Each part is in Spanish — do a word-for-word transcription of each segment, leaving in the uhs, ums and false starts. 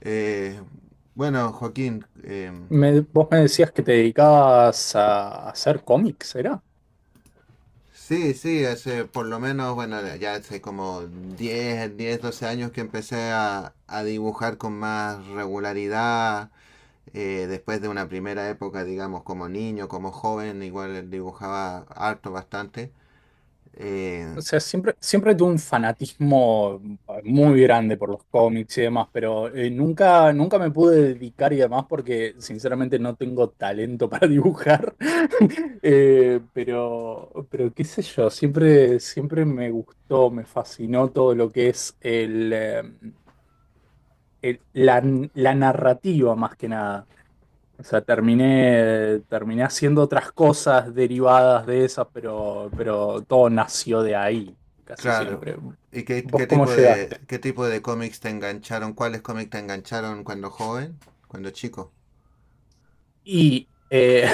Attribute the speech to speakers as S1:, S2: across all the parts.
S1: Eh, bueno, Joaquín, eh,
S2: Me- vos me decías que te dedicabas a hacer cómics, ¿era?
S1: sí, sí, hace por lo menos, bueno, ya hace como diez, diez, doce años que empecé a, a dibujar con más regularidad. eh, después de una primera época, digamos, como niño, como joven, igual dibujaba harto, bastante.
S2: O
S1: Eh,
S2: sea, siempre, siempre tuve un fanatismo eh, muy grande por los cómics y demás, pero eh, nunca, nunca me pude dedicar y demás porque sinceramente no tengo talento para dibujar. Eh, pero, pero qué sé yo, siempre, siempre me gustó, me fascinó todo lo que es el, eh, el- la, la narrativa más que nada. O sea, terminé, terminé haciendo otras cosas derivadas de esas, pero, pero todo nació de ahí, casi
S1: claro.
S2: siempre.
S1: ¿Y qué,
S2: ¿Vos
S1: qué
S2: cómo
S1: tipo de
S2: llegaste?
S1: qué tipo de cómics te engancharon? ¿Cuáles cómics te engancharon cuando joven? Cuando chico.
S2: Y eh,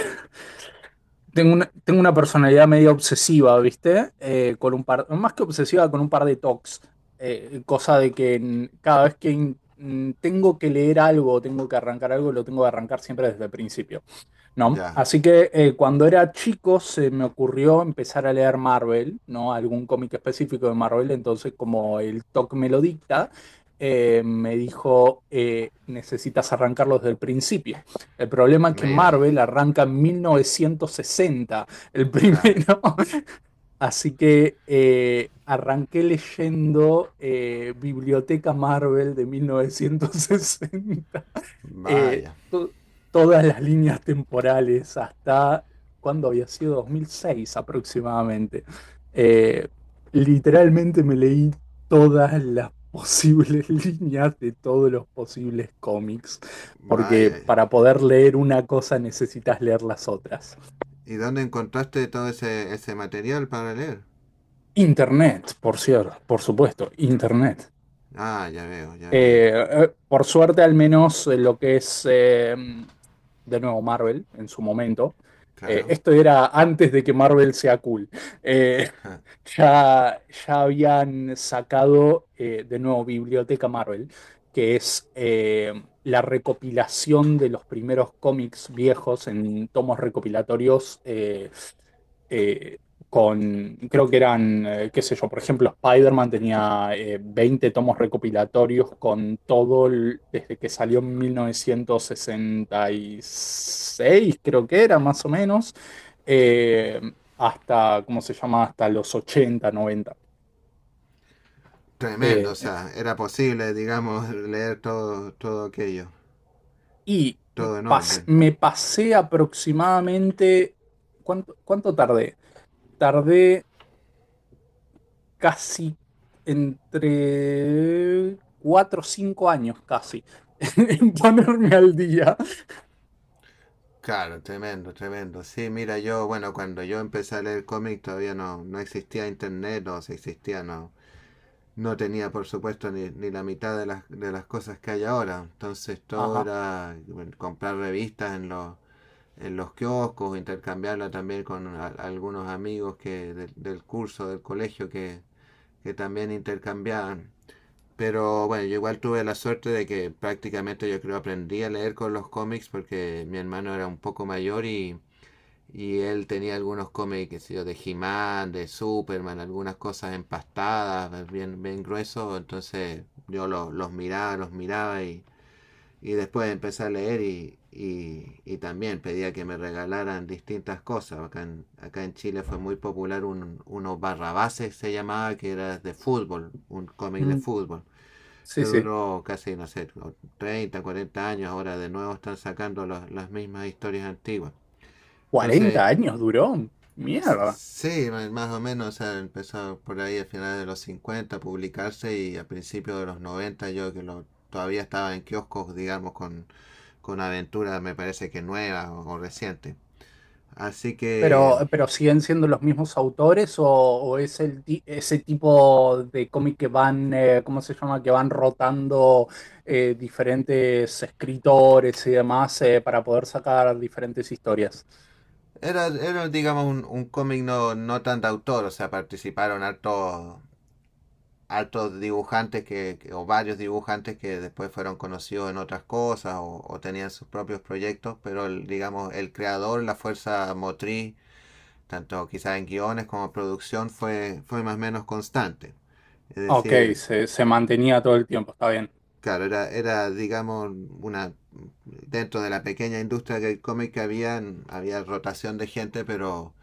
S2: tengo una, tengo una personalidad medio obsesiva, ¿viste? Eh, con un par, más que obsesiva, con un par de tocs. Eh, cosa de que mm, cada vez que mm, tengo que leer algo, tengo que arrancar algo, lo tengo que arrancar siempre desde el principio. No,
S1: Ya.
S2: así que eh, cuando era chico se me ocurrió empezar a leer Marvel, ¿no? Algún cómic específico de Marvel, entonces como el T O C me lo dicta, eh, me dijo, eh, necesitas arrancarlo desde el principio. El problema es que
S1: Mira.
S2: Marvel arranca en mil novecientos sesenta el
S1: Claro.
S2: primero. Así que eh, arranqué leyendo eh, Biblioteca Marvel de mil novecientos sesenta, eh,
S1: Vaya.
S2: to- todas las líneas temporales hasta cuando había sido dos mil seis aproximadamente. Eh, Literalmente me leí todas las posibles líneas de todos los posibles cómics, porque
S1: Vaya.
S2: para poder leer una cosa necesitas leer las otras.
S1: ¿Y dónde encontraste todo ese, ese material para leer?
S2: Internet, por cierto, por supuesto, Internet.
S1: Ah, ya veo, ya veo.
S2: Eh, eh, por suerte, al menos eh, lo que es, eh, de nuevo, Marvel en su momento. Eh,
S1: Claro.
S2: esto era antes de que Marvel sea cool. Eh,
S1: Ja.
S2: ya, ya habían sacado, eh, de nuevo, Biblioteca Marvel, que es eh, la recopilación de los primeros cómics viejos en tomos recopilatorios. eh, eh, con, creo que eran, eh, qué sé yo, por ejemplo, Spider-Man tenía eh, veinte tomos recopilatorios con todo, el- desde que salió en mil novecientos sesenta y seis creo que era más o menos, eh, hasta, ¿cómo se llama? Hasta los ochenta noventa.
S1: Tremendo, o
S2: Eh,
S1: sea, era posible, digamos, leer todo, todo aquello,
S2: y
S1: todo en
S2: pas-
S1: orden.
S2: Me pasé aproximadamente, ¿cuánto, cuánto tardé? Tardé casi entre cuatro o cinco años, casi, en ponerme al día.
S1: Claro, tremendo, tremendo. Sí, mira, yo, bueno, cuando yo empecé a leer cómics todavía no, no existía internet, o si existía, no, no tenía, por supuesto, ni, ni la mitad de las, de las cosas que hay ahora. Entonces todo
S2: Ajá.
S1: era bueno, comprar revistas en los en los kioscos, intercambiarla también con a- algunos amigos que del, del curso, del colegio, que, que también intercambiaban. Pero bueno, yo igual tuve la suerte de que prácticamente yo creo aprendí a leer con los cómics porque mi hermano era un poco mayor y, y él tenía algunos cómics, qué sé yo, de He-Man, de Superman, algunas cosas empastadas, bien, bien gruesos. Entonces yo lo- los miraba, los miraba y, y después empecé a leer y, y, y también pedía que me regalaran distintas cosas. Acá en, acá en Chile fue muy popular un, uno Barrabases se llamaba, que era de fútbol, un cómic de
S2: Mm.
S1: fútbol, que
S2: Sí, sí.
S1: duró casi, no sé, treinta, cuarenta años. Ahora de nuevo están sacando los, las mismas historias antiguas. Entonces,
S2: Cuarenta años duró. Mierda.
S1: Sí, ma- más o menos, o sea, empezó por ahí a finales de los cincuenta a publicarse y a principios de los noventa yo que lo, todavía estaba en kioscos, digamos, con, con aventuras, me parece que nuevas o, o recientes. Así
S2: Pero,
S1: que
S2: pero siguen siendo los mismos autores o, o es el ti- ese tipo de cómic que van, eh, ¿cómo se llama? Que van rotando eh, diferentes escritores y demás eh, para poder sacar diferentes historias.
S1: era, era digamos, un, un cómic no, no tan de autor, o sea, participaron hartos, hartos dibujantes que, que- o varios dibujantes que después fueron conocidos en otras cosas o, o tenían sus propios proyectos, pero el, digamos, el creador, la fuerza motriz tanto quizás en guiones como producción, fue, fue más o menos constante. Es
S2: Ok,
S1: decir,
S2: se, se mantenía todo el tiempo, está bien.
S1: claro, era, era digamos, una dentro de la pequeña industria del cómic había, había rotación de gente, pero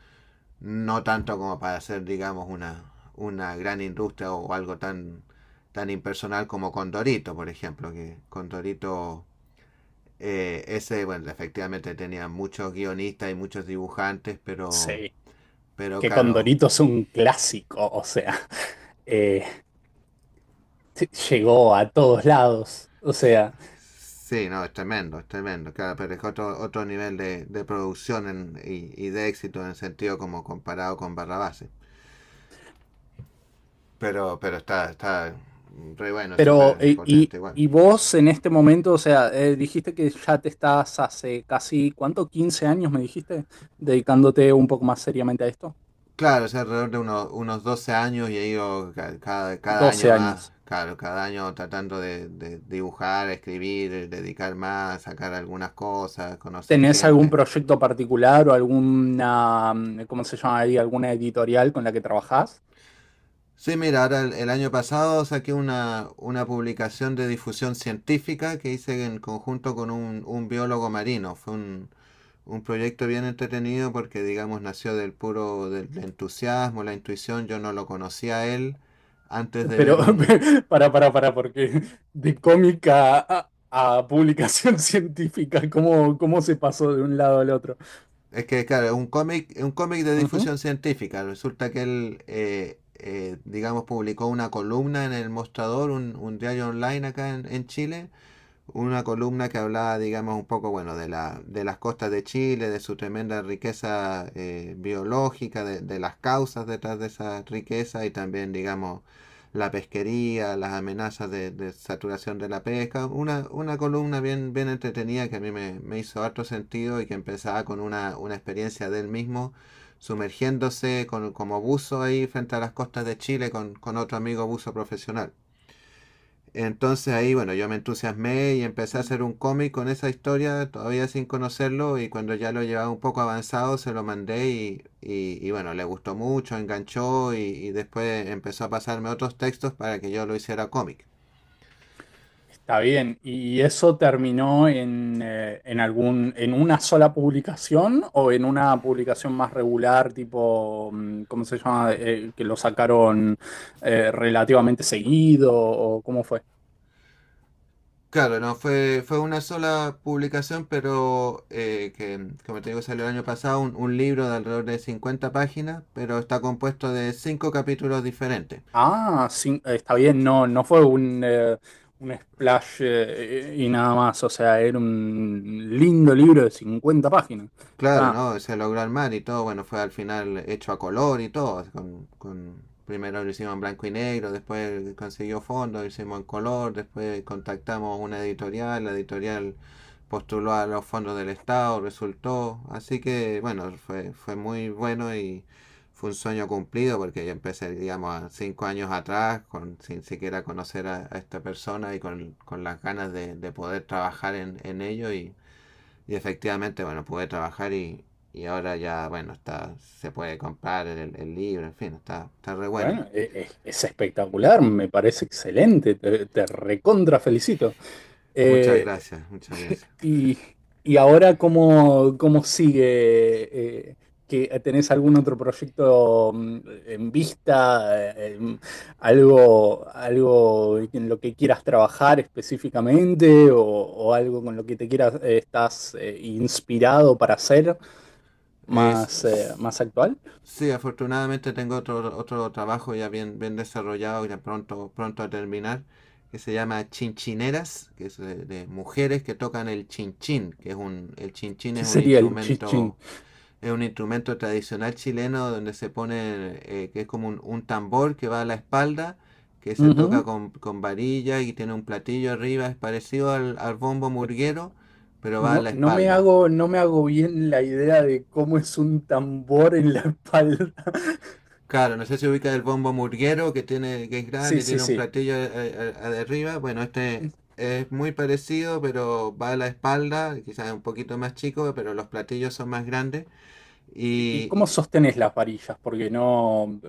S1: no tanto como para ser, digamos, una, una gran industria o algo tan, tan impersonal como Condorito, por ejemplo, que Condorito... Eh, ese, bueno, efectivamente tenía muchos guionistas y muchos dibujantes, pero,
S2: Sí.
S1: pero
S2: Que
S1: claro,
S2: Condorito es un clásico, o sea, eh, sí, llegó a todos lados, o sea,
S1: sí, no, es tremendo, es tremendo. Claro, pero es otro, otro nivel de, de producción en- y, y de éxito en el sentido como comparado con Barrabás, ¿eh? Pero, pero está, está re bueno, es
S2: pero
S1: súper
S2: eh, y,
S1: potente igual.
S2: y vos en este momento, o sea, eh, dijiste que ya te estás hace casi, ¿cuánto? Quince años me dijiste, dedicándote un poco más seriamente a esto.
S1: Claro, es alrededor de uno- unos doce años y he ido ca- cada, cada año
S2: Doce
S1: más,
S2: años.
S1: claro, cada año tratando de, de dibujar, escribir, dedicar más, sacar algunas cosas, conocer
S2: ¿Tenés algún
S1: gente.
S2: proyecto particular o alguna, mm, ¿cómo se llama ahí? ¿Alguna editorial con la que trabajás?
S1: Sí, mira, ahora el, el año pasado saqué una, una publicación de difusión científica que hice en conjunto con un, un biólogo marino. Fue un, un proyecto bien entretenido porque, digamos, nació del puro del entusiasmo, la intuición. Yo no lo conocía a él antes de
S2: Pero,
S1: ver un...
S2: para, para, para, porque de cómica a, a publicación científica, ¿cómo, cómo se pasó de un lado al otro?
S1: Es que, claro, es un cómic, es un cómic de
S2: Ujú.
S1: difusión científica. Resulta que él, eh, eh, digamos, publicó una columna en el Mostrador, un, un diario online acá en en Chile, una columna que hablaba, digamos, un poco, bueno, de, la, de las costas de Chile, de su tremenda riqueza eh, biológica, de, de, las causas detrás de esa riqueza y también, digamos, la pesquería, las amenazas de, de saturación de la pesca. Una, una columna bien, bien entretenida que a mí me, me hizo harto sentido y que empezaba con una, una experiencia del mismo sumergiéndose con, como buzo ahí frente a las costas de Chile con, con otro amigo buzo profesional. Entonces ahí, bueno, yo me entusiasmé y empecé a hacer un cómic con esa historia, todavía sin conocerlo, y cuando ya lo llevaba un poco avanzado se lo mandé y, y, y bueno, le gustó mucho, enganchó y, y después empezó a pasarme otros textos para que yo lo hiciera cómic.
S2: Está bien, ¿y eso terminó en, eh, en algún, en una sola publicación o en una publicación más regular, tipo, mm, ¿cómo se llama? Eh, ¿que lo sacaron eh, relativamente seguido o cómo fue?
S1: Claro, no fue, fue una sola publicación, pero eh, que, como te digo, salió el año pasado un, un libro de alrededor de cincuenta páginas, pero está compuesto de cinco capítulos diferentes.
S2: Ah, sí, está bien, no, no fue un, eh, un splash eh, y nada más, o sea, era un lindo libro de cincuenta páginas.
S1: Claro,
S2: Está,
S1: ¿no? Se logró armar y todo, bueno, fue al final hecho a color y todo. Con, con- primero lo hicimos en blanco y negro, después consiguió fondos, lo hicimos en color, después contactamos una editorial, la editorial postuló a los fondos del Estado, resultó. Así que, bueno, fue, fue muy bueno y fue un sueño cumplido porque yo empecé, digamos, a cinco años atrás, con, sin siquiera conocer a, a esta persona y con, con las ganas de, de poder trabajar en, en ello y y efectivamente, bueno, pude trabajar y, y ahora ya, bueno, está se puede comprar el, el libro, en fin, está, está re bueno.
S2: bueno, e- e- es, espectacular, me parece excelente, te, te recontra felicito.
S1: Muchas gracias, muchas gracias.
S2: Y, y ahora, ¿cómo, cómo sigue? Eh, ¿que tenés algún otro proyecto mm, en vista? Eh, em, ¿algo, algo en lo que quieras trabajar específicamente? ¿O, o algo con lo que te quieras, eh, estás eh, inspirado para hacer
S1: Es,
S2: más, eh,
S1: s-
S2: más actual?
S1: sí, afortunadamente tengo otro, otro trabajo ya bien, bien desarrollado, ya pronto, pronto a terminar, que se llama Chinchineras, que es de, de mujeres que tocan el chinchín, que es un, el chinchín
S2: ¿Qué
S1: es un
S2: sería el chichín?
S1: instrumento. Es un instrumento tradicional chileno donde se pone, eh, que es como un, un tambor que va a la espalda, que se toca
S2: Ujú.
S1: con, con varilla y tiene un platillo arriba, es parecido al, al bombo murguero, pero va a
S2: No,
S1: la
S2: no me
S1: espalda.
S2: hago, no me hago bien la idea de cómo es un tambor en la espalda.
S1: Claro, no sé si ubica el bombo murguero que tiene, que es
S2: Sí,
S1: grande,
S2: sí,
S1: tiene un
S2: sí.
S1: platillo a eh, de arriba. Bueno, este es muy parecido, pero va a la espalda, quizás un poquito más chico, pero los platillos son más grandes. Y,
S2: ¿Y cómo
S1: y-
S2: sostenés las varillas? Porque no,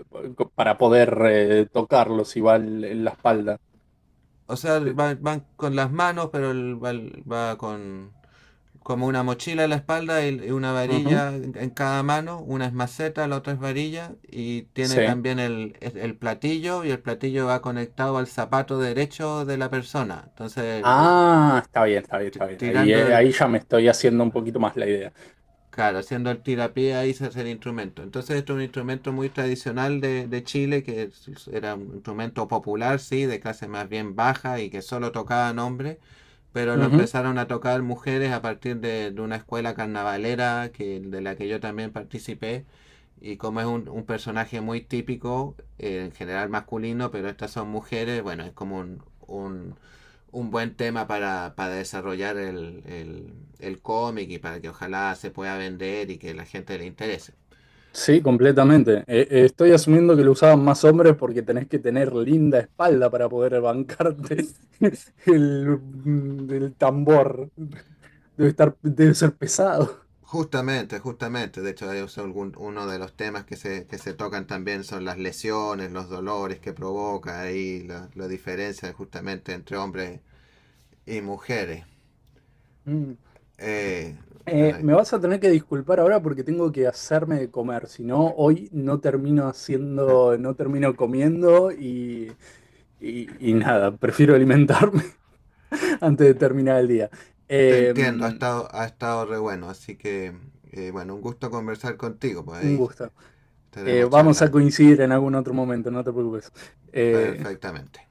S2: para poder eh, tocarlos igual en la espalda.
S1: o sea,
S2: Eh,
S1: va- van, con las manos, pero va, va con, como una mochila en la espalda y una
S2: Ujú,
S1: varilla en cada mano, una es maceta, la otra es varilla, y tiene
S2: sí.
S1: también el, el platillo, y el platillo va conectado al zapato derecho de la persona. Entonces, el- el-
S2: Ah, está bien, está bien, está bien. Ahí,
S1: tirando
S2: eh, ahí
S1: el-
S2: ya me estoy haciendo un poquito más la idea.
S1: Claro, haciendo el tirapié ahí se hace el instrumento. Entonces, esto es un instrumento muy tradicional de, de Chile, que es- era un instrumento popular, sí, de clase más bien baja y que solo tocaban hombres, pero lo
S2: Ujú.
S1: empezaron a tocar mujeres a partir de, de una escuela carnavalera que, de la que yo también participé. Y como es un, un personaje muy típico, eh, en general masculino, pero estas son mujeres, bueno, es como un, un un buen tema para, para desarrollar el, el, el cómic y para que ojalá se pueda vender y que la gente le interese.
S2: Sí, completamente. Eh, eh, estoy asumiendo que lo usaban más hombres porque tenés que tener linda espalda para poder bancarte el, mm, el tambor. Debe estar, debe ser pesado.
S1: Justamente, justamente. De hecho, es algún, uno de los temas que se, que se tocan también son las lesiones, los dolores que provoca ahí, la, la diferencia justamente entre hombres y mujeres. Eh,
S2: Eh,
S1: eh,
S2: me vas a tener que disculpar ahora porque tengo que hacerme de comer, si no, hoy no termino haciendo, no termino comiendo y, y- y nada, prefiero alimentarme antes de terminar el día.
S1: te
S2: Eh,
S1: entiendo, ha
S2: un
S1: estado, ha estado re bueno. Así que, eh, bueno, un gusto conversar contigo. Pues ahí
S2: gusto. Eh,
S1: estaremos
S2: vamos a
S1: charlando.
S2: coincidir en algún otro momento, no te preocupes. Eh,
S1: Perfectamente.